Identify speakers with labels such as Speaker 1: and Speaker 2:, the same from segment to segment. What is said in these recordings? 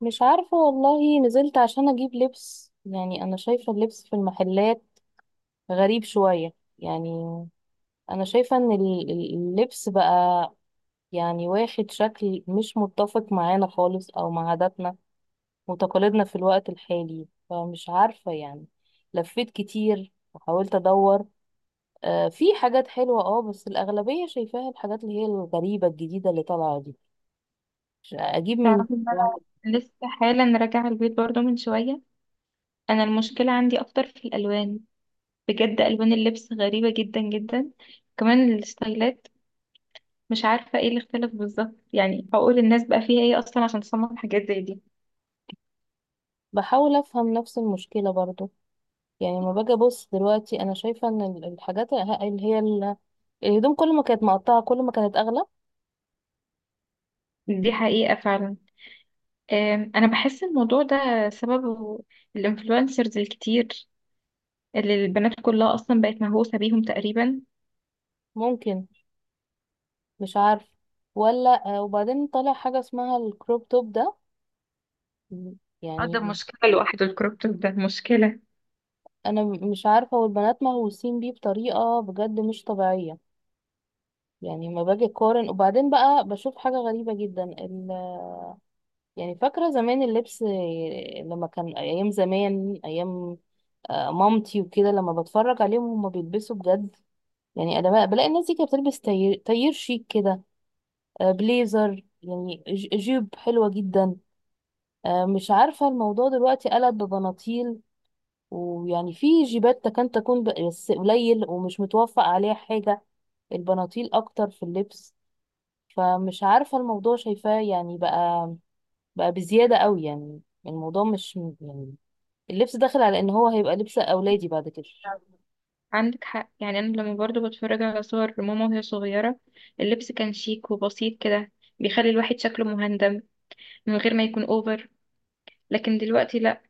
Speaker 1: مش عارفة والله. نزلت عشان أجيب لبس يعني، أنا شايفة اللبس في المحلات غريب شوية يعني. أنا شايفة إن اللبس بقى يعني واخد شكل مش متفق معانا خالص، أو مع عاداتنا وتقاليدنا في الوقت الحالي. فمش عارفة يعني، لفيت كتير وحاولت أدور. في حاجات حلوة بس الأغلبية شايفاها، الحاجات اللي هي الغريبة الجديدة اللي طالعة دي. أجيب من...
Speaker 2: تعرفي ان انا لسه حالا راجعه البيت برضو من شويه. انا المشكله عندي اكتر في الالوان، بجد الوان اللبس غريبه جدا جدا، كمان الستايلات. مش عارفه ايه اللي اختلف بالظبط، يعني اقول الناس بقى فيها ايه اصلا عشان تصمم حاجات زي دي.
Speaker 1: بحاول أفهم نفس المشكلة برضو. يعني ما باجي ابص دلوقتي، انا شايفه ان الحاجات اللي هي الهدوم، كل ما كانت مقطعه كل ما كانت اغلى.
Speaker 2: دي حقيقه فعلا. انا بحس الموضوع ده سببه الانفلونسرز الكتير اللي البنات كلها اصلا بقت مهووسه بيهم تقريبا.
Speaker 1: ممكن. مش عارف. ولا وبعدين طلع حاجه اسمها الكروب توب ده
Speaker 2: اه، ده
Speaker 1: يعني.
Speaker 2: مشكله لوحده، الكروب توب ده مشكله.
Speaker 1: انا مش عارفه، والبنات مهووسين بيه بطريقه بجد مش طبيعيه. يعني ما باجي اقارن، وبعدين بقى بشوف حاجه غريبه جدا يعني فاكره زمان اللبس، لما كان ايام زمان، ايام. مامتي وكده، لما بتفرج عليهم هما بيلبسوا بجد يعني. انا بلاقي الناس دي كانت بتلبس تاير شيك كده. بليزر يعني جيب حلوة جدا. مش عارفة الموضوع دلوقتي قلب ببناطيل. ويعني في جيبات كان تكون، بس قليل ومش متوفق عليها حاجة. البناطيل اكتر في اللبس. فمش عارفة، الموضوع شايفاه يعني بقى بزيادة قوي يعني. الموضوع مش يعني، اللبس داخل على ان هو هيبقى لبس اولادي بعد كده.
Speaker 2: عندك حق، يعني انا لما برضو بتفرج على صور ماما وهي صغيرة اللبس كان شيك وبسيط كده، بيخلي الواحد شكله مهندم من غير ما يكون اوفر. لكن دلوقتي لا،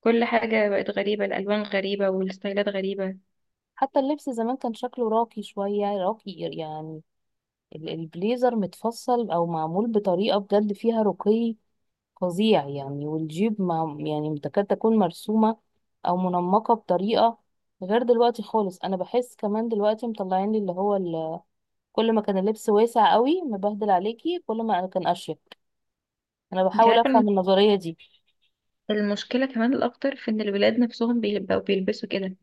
Speaker 2: كل حاجة بقت غريبة، الالوان غريبة والستايلات غريبة.
Speaker 1: حتى اللبس زمان كان شكله راقي، شوية راقي يعني. البليزر متفصل او معمول بطريقه بجد فيها رقي فظيع يعني. والجيب مع، يعني، تكاد تكون مرسومه او منمقه بطريقه. غير دلوقتي خالص. انا بحس كمان دلوقتي مطلعين لي اللي هو كل ما كان اللبس واسع قوي مبهدل عليكي، كل ما كان اشيك. انا
Speaker 2: انت
Speaker 1: بحاول
Speaker 2: عارفة
Speaker 1: افهم النظريه دي.
Speaker 2: المشكلة كمان الاكتر في ان الولاد نفسهم بيبقوا بيلبسوا كده.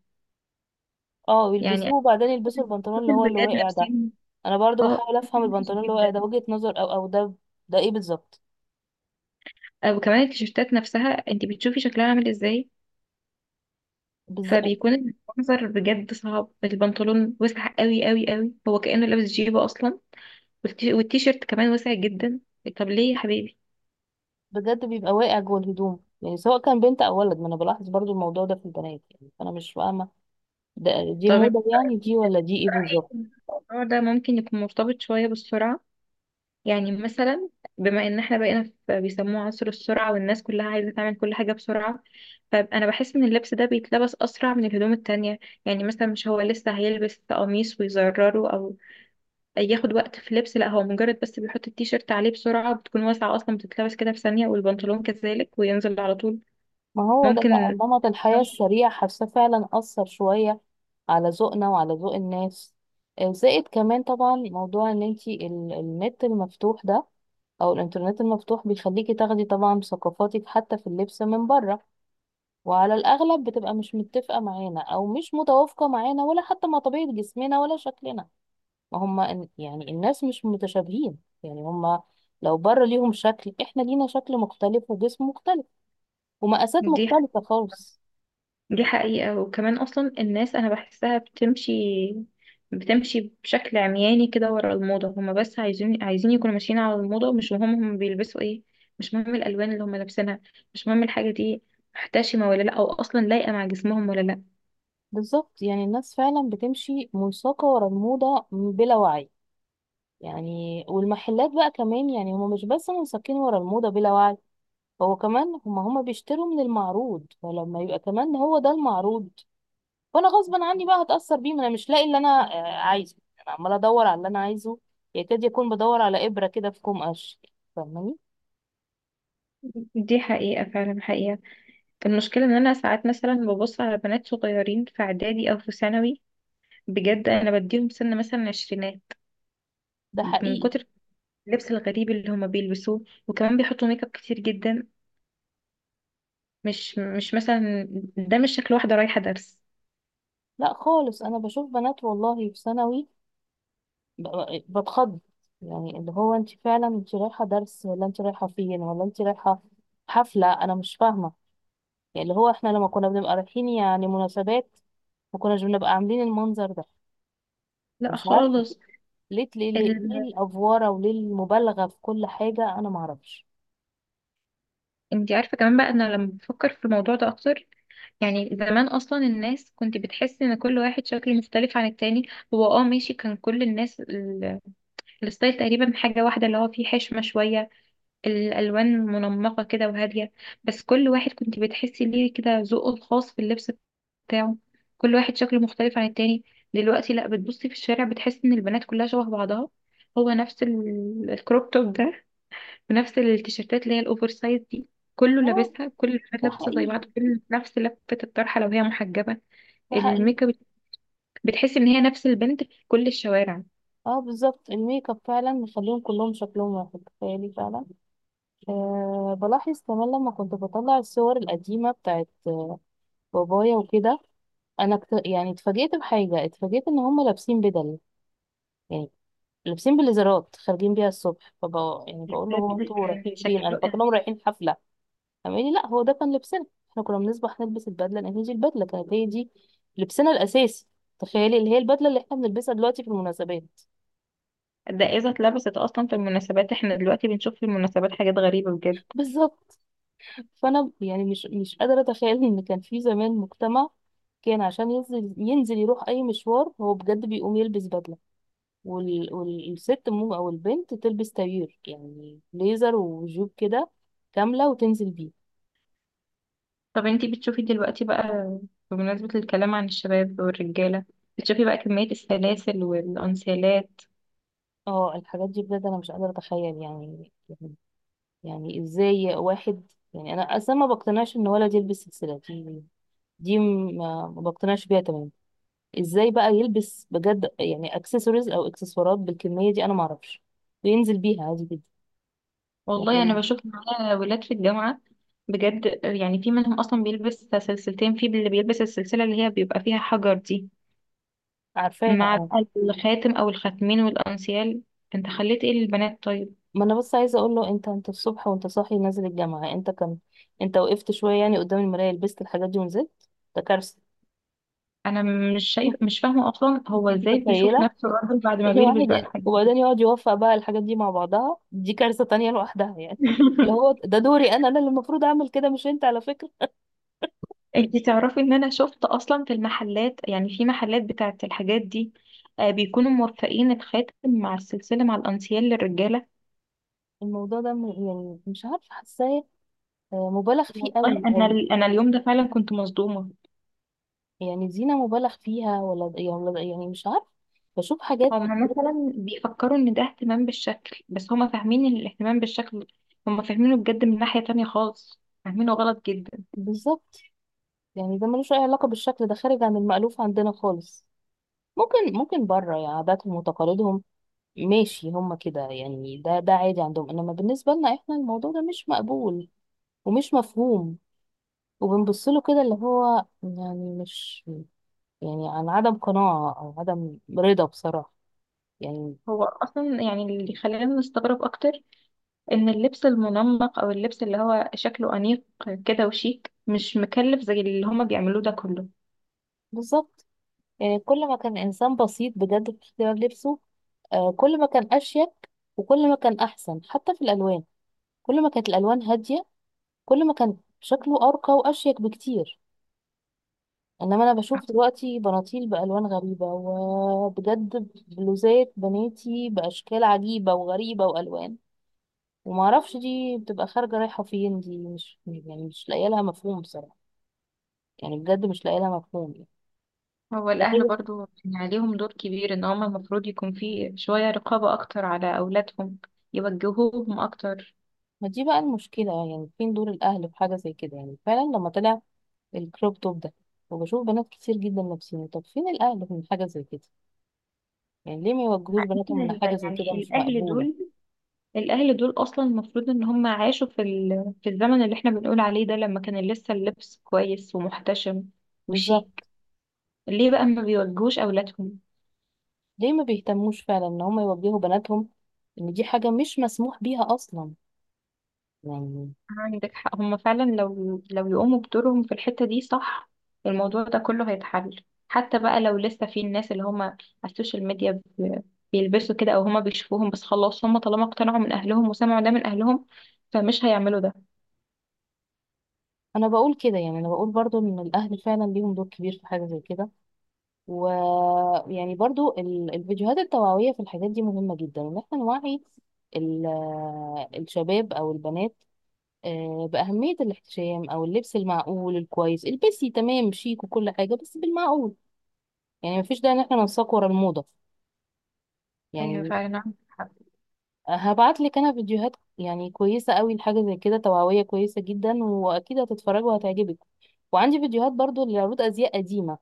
Speaker 1: اه، يلبسوه
Speaker 2: يعني
Speaker 1: وبعدين يلبسوا البنطلون
Speaker 2: بشوف
Speaker 1: اللي هو اللي
Speaker 2: الولاد
Speaker 1: واقع ده.
Speaker 2: لابسين.
Speaker 1: انا برضو
Speaker 2: اه،
Speaker 1: بحاول افهم
Speaker 2: وحش
Speaker 1: البنطلون اللي واقع
Speaker 2: جدا.
Speaker 1: ده، وجهة نظر او ده. ده ايه بالظبط؟
Speaker 2: وكمان التيشيرتات نفسها انت بتشوفي شكلها عامل ازاي، فبيكون المنظر بجد صعب، البنطلون وسع قوي قوي قوي، هو كأنه لابس جيبه أصلا، والتيشيرت كمان واسع جدا. طب ليه يا حبيبي؟
Speaker 1: بجد بيبقى واقع جوه الهدوم يعني، سواء كان بنت او ولد. ما انا بلاحظ برضو الموضوع ده في البنات يعني، فانا مش فاهمه. ده دي
Speaker 2: طب
Speaker 1: موضه يعني؟ دي ولا دي ايه
Speaker 2: رأيي
Speaker 1: بالظبط؟
Speaker 2: إن الموضوع ده ممكن يكون مرتبط شوية بالسرعة. يعني مثلا بما ان احنا بقينا في بيسموه عصر السرعة والناس كلها عايزة تعمل كل حاجة بسرعة، فأنا بحس ان اللبس ده بيتلبس أسرع من الهدوم التانية. يعني مثلا مش هو لسه هيلبس قميص ويزرره أو ياخد وقت في لبس، لا، هو مجرد بس بيحط التيشيرت عليه بسرعة، بتكون واسعة أصلا بتتلبس كده في ثانية، والبنطلون كذلك وينزل على طول.
Speaker 1: ما هو ده بقى
Speaker 2: ممكن.
Speaker 1: نمط الحياه السريع. حاسه فعلا اثر شويه على ذوقنا وعلى ذوق الناس. زائد كمان طبعا موضوع ان انتي النت المفتوح ده، او الانترنت المفتوح، بيخليكي تاخدي طبعا ثقافاتك حتى في اللبس من بره. وعلى الاغلب بتبقى مش متفقه معانا، او مش متوافقه معانا، ولا حتى مع طبيعه جسمنا ولا شكلنا. ما هم يعني الناس مش متشابهين. يعني هم لو بره ليهم شكل، احنا لينا شكل مختلف وجسم مختلف ومقاسات
Speaker 2: دي
Speaker 1: مختلفة خالص.
Speaker 2: دي حقيقة، وكمان أصلا الناس أنا بحسها بتمشي بشكل عمياني كده ورا الموضة، هما بس عايزين يكونوا ماشيين على الموضة، مش مهم هما بيلبسوا ايه، مش مهم الألوان اللي هما لابسينها، مش مهم الحاجة دي محتشمة ولا لأ، أو أصلا لايقة مع جسمهم ولا لأ.
Speaker 1: بالظبط. يعني الناس فعلا بتمشي منساقة ورا الموضة بلا وعي. يعني والمحلات بقى كمان، يعني هم مش بس منساقين ورا الموضة بلا وعي، هو كمان هم بيشتروا من المعروض. فلما يبقى كمان هو ده المعروض، فانا غصبا عني بقى هتاثر بيه. ما انا مش لاقي اللي انا عايزه. انا عماله ادور على اللي انا عايزه. يكاد يكون بدور على ابره كده في كوم قش. فاهماني؟
Speaker 2: دي حقيقة فعلا، حقيقة. المشكلة ان انا ساعات مثلا ببص على بنات صغيرين في اعدادي او في ثانوي، بجد انا بديهم سن مثلا عشرينات
Speaker 1: ده
Speaker 2: من
Speaker 1: حقيقي.
Speaker 2: كتر اللبس الغريب اللي هما بيلبسوه، وكمان بيحطوا ميك اب كتير جدا. مش مثلا ده مش شكل واحدة رايحة درس،
Speaker 1: لا خالص. انا بشوف بنات والله في ثانوي بتخض. يعني اللي هو، انت فعلا انت رايحه درس؟ ولا انت رايحه فين؟ ولا انت رايحه حفله؟ انا مش فاهمه. يعني اللي هو، احنا لما كنا بنبقى رايحين يعني مناسبات، ما كناش بنبقى عاملين المنظر ده.
Speaker 2: لا
Speaker 1: مش عارفه.
Speaker 2: خالص.
Speaker 1: ليه ليه ليه،
Speaker 2: ال...
Speaker 1: ليه الافواره وليه المبالغه في كل حاجه؟ انا ما اعرفش.
Speaker 2: انتي عارفة كمان بقى انا لما بفكر في الموضوع ده اكتر، يعني زمان اصلا الناس كنت بتحس ان كل واحد شكله مختلف عن التاني. هو اه، ماشي، كان كل الناس الستايل تقريبا حاجة واحدة، اللي هو فيه حشمة شوية، الألوان منمقة كده وهادية، بس كل واحد كنت بتحسي ليه كده ذوقه الخاص في اللبس بتاعه، كل واحد شكله مختلف عن التاني. دلوقتي لا، بتبصي في الشارع بتحسي ان البنات كلها شبه بعضها، هو نفس الكروب توب ده، ونفس التيشيرتات اللي هي الأوفر سايز دي، كله
Speaker 1: آه.
Speaker 2: لابسها، كل البنات
Speaker 1: ده
Speaker 2: لابسة زي
Speaker 1: حقيقي،
Speaker 2: بعض، كل نفس لفة الطرحة لو هي محجبة،
Speaker 1: ده حقيقي.
Speaker 2: الميك اب، بتحسي ان هي نفس البنت في كل الشوارع.
Speaker 1: اه، بالظبط. الميك اب فعلا مخليهم كلهم شكلهم واحد. تخيلي فعلا. بلاحظ كمان، لما كنت بطلع الصور القديمة بتاعت بابايا وكده. انا يعني اتفاجئت بحاجة، اتفاجئت ان هم لابسين بدل يعني، لابسين بليزرات، خارجين بيها الصبح. فبقى يعني
Speaker 2: ده
Speaker 1: بقول له: هو
Speaker 2: بجد
Speaker 1: انتوا
Speaker 2: كان
Speaker 1: رايحين فين؟ انا
Speaker 2: شكله
Speaker 1: فاكرهم رايحين حفلة. قام قال لي: لا، هو ده كان لبسنا. احنا كنا بنصبح نلبس البدلة، لان هي دي البدلة كانت هي دي لبسنا الاساسي. تخيلي، اللي هي البدلة اللي احنا بنلبسها دلوقتي في المناسبات.
Speaker 2: الدقازة اتلبست اصلا في المناسبات، احنا دلوقتي بنشوف في المناسبات حاجات غريبة بجد.
Speaker 1: بالظبط. فانا يعني مش قادره اتخيل ان كان في زمان، مجتمع كان عشان ينزل يروح اي مشوار، هو بجد بيقوم يلبس بدله. والست او البنت تلبس تغيير يعني ليزر وجيب كده كامله، وتنزل بيه.
Speaker 2: طب انتي بتشوفي دلوقتي بقى، بمناسبة الكلام عن الشباب والرجالة، بتشوفي بقى كمية السلاسل والأنسيالات؟
Speaker 1: اه، الحاجات دي بجد انا مش قادره اتخيل يعني. يعني ازاي واحد؟ يعني انا اصلا ما بقتنعش ان ولد يلبس سلسله دي. دي ما بقتنعش بيها تماما. ازاي بقى يلبس بجد يعني اكسسوارز او اكسسوارات بالكميه دي؟ انا ما اعرفش. وينزل بيها عادي جدا.
Speaker 2: والله أنا
Speaker 1: يعني،
Speaker 2: بشوف معايا ولاد في الجامعة، بجد يعني في منهم أصلا بيلبس سلسلتين، في اللي بيلبس السلسلة اللي هي بيبقى فيها حجر دي،
Speaker 1: عارفاها،
Speaker 2: مع
Speaker 1: اه.
Speaker 2: بقى الخاتم أو الخاتمين والأنسيال. انت خليت ايه للبنات طيب؟
Speaker 1: ما انا بس عايزه اقول له: انت الصبح وانت صاحي نازل الجامعه، انت وقفت شويه يعني قدام المرايه، لبست الحاجات دي ونزلت؟ ده كارثه.
Speaker 2: أنا مش شايف، مش فاهمة أصلا هو
Speaker 1: دي
Speaker 2: ازاي بيشوف
Speaker 1: متخيله
Speaker 2: نفسه راجل بعد ما بيلبس
Speaker 1: الواحد
Speaker 2: بقى
Speaker 1: يعني،
Speaker 2: الحاجات دي.
Speaker 1: وبعدين يقعد يوفق بقى الحاجات دي مع بعضها، دي كارثه تانية لوحدها يعني. اللي هو ده دوري انا اللي المفروض اعمل كده مش انت، على فكره.
Speaker 2: انتي تعرفي ان انا شفت اصلا في المحلات، يعني في محلات بتاعه الحاجات دي، بيكونوا موفقين الخاتم مع السلسله مع الانسيال للرجاله.
Speaker 1: الموضوع ده يعني، مش عارفه حاساه مبالغ فيه
Speaker 2: والله
Speaker 1: قوي،
Speaker 2: انا
Speaker 1: او
Speaker 2: ال- انا اليوم ده فعلا كنت مصدومه.
Speaker 1: يعني زينة مبالغ فيها ولا يعني، يعني مش عارف. بشوف حاجات.
Speaker 2: هما مثلا بيفكروا ان ده اهتمام بالشكل، بس هما فاهمين ان الاهتمام بالشكل هما فاهمينه بجد من ناحيه تانية خالص، فاهمينه غلط جدا.
Speaker 1: بالظبط. يعني ده ملوش أي علاقة بالشكل، ده خارج عن المألوف عندنا خالص. ممكن، ممكن بره يعني عاداتهم وتقاليدهم ماشي هما كده يعني، ده عادي عندهم، إنما بالنسبة لنا إحنا الموضوع ده مش مقبول ومش مفهوم. وبنبصله كده، اللي هو يعني مش، يعني عن عدم قناعة أو عدم رضا بصراحة يعني.
Speaker 2: هو اصلا يعني اللي خلانا نستغرب اكتر ان اللبس المنمق او اللبس اللي هو شكله انيق كده وشيك مش مكلف زي اللي هما بيعملوه ده كله.
Speaker 1: بالظبط. يعني كل ما كان إنسان بسيط بجد في اختيار لبسه، كل ما كان أشيك، وكل ما كان أحسن حتى في الألوان. كل ما كانت الألوان هادية، كل ما كان شكله أرقى وأشيك بكتير. إنما أنا بشوف دلوقتي بناطيل بألوان غريبة، وبجد بلوزات بناتي بأشكال عجيبة وغريبة وألوان ومعرفش. دي بتبقى خارجة رايحة فين؟ دي مش يعني، مش لاقية لها مفهوم بصراحة. يعني بجد مش لاقية لها مفهوم يعني.
Speaker 2: هو
Speaker 1: لا
Speaker 2: الأهل
Speaker 1: هي،
Speaker 2: برضو يعني عليهم دور كبير، إن هما المفروض يكون في شوية رقابة أكتر على أولادهم، يوجهوهم أكتر.
Speaker 1: ما دي بقى المشكلة. يعني فين دور الأهل في حاجة زي كده؟ يعني فعلا لما طلع الكروب توب ده، وبشوف بنات كتير جدا لابسينه، طب فين الأهل من حاجة زي كده؟ يعني ليه ما يوجهوش بناتهم إن حاجة زي كده
Speaker 2: يعني
Speaker 1: مش
Speaker 2: الأهل
Speaker 1: مقبولة؟
Speaker 2: دول الأهل دول أصلا المفروض إن هما عاشوا في في الزمن اللي إحنا بنقول عليه ده لما كان لسه اللبس كويس ومحتشم وشيك.
Speaker 1: بالظبط.
Speaker 2: ليه بقى ما بيوجهوش أولادهم؟
Speaker 1: ليه ما بيهتموش فعلا إن هم يوجهوا بناتهم إن دي حاجة مش مسموح بيها أصلا، يعني.
Speaker 2: عندك حق، هم فعلا لو يقوموا بدورهم في الحتة دي صح الموضوع ده كله هيتحل، حتى بقى لو لسه في الناس اللي هم على السوشيال ميديا بيلبسوا كده او هم بيشوفوهم، بس خلاص هم طالما اقتنعوا من اهلهم وسمعوا ده من اهلهم فمش هيعملوا ده.
Speaker 1: أنا بقول كده، يعني أنا بقول برضو إن الأهل فعلا ليهم دور كبير في حاجة زي كده. ويعني برضو الفيديوهات التوعوية في الحاجات دي مهمة جدا، إن إحنا نوعي ال- الشباب أو البنات بأهمية الاحتشام أو اللبس المعقول الكويس، البسي تمام شيك وكل حاجة بس بالمعقول. يعني مفيش داعي إن احنا ننساق ورا الموضة
Speaker 2: ايوه
Speaker 1: يعني.
Speaker 2: فعلا عندك حق.
Speaker 1: هبعت لك أنا فيديوهات يعني كويسة قوي لحاجة زي كده، توعوية كويسة جدا، وأكيد هتتفرجي وهتعجبك. وعندي فيديوهات برضو لعروض أزياء قديمة،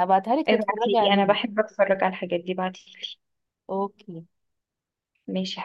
Speaker 1: هبعتها لك تتفرجي
Speaker 2: ابعتيلي، انا
Speaker 1: عليها.
Speaker 2: بحب اتفرج على الحاجات دي، بعتيلي.
Speaker 1: أوكي.
Speaker 2: ماشي.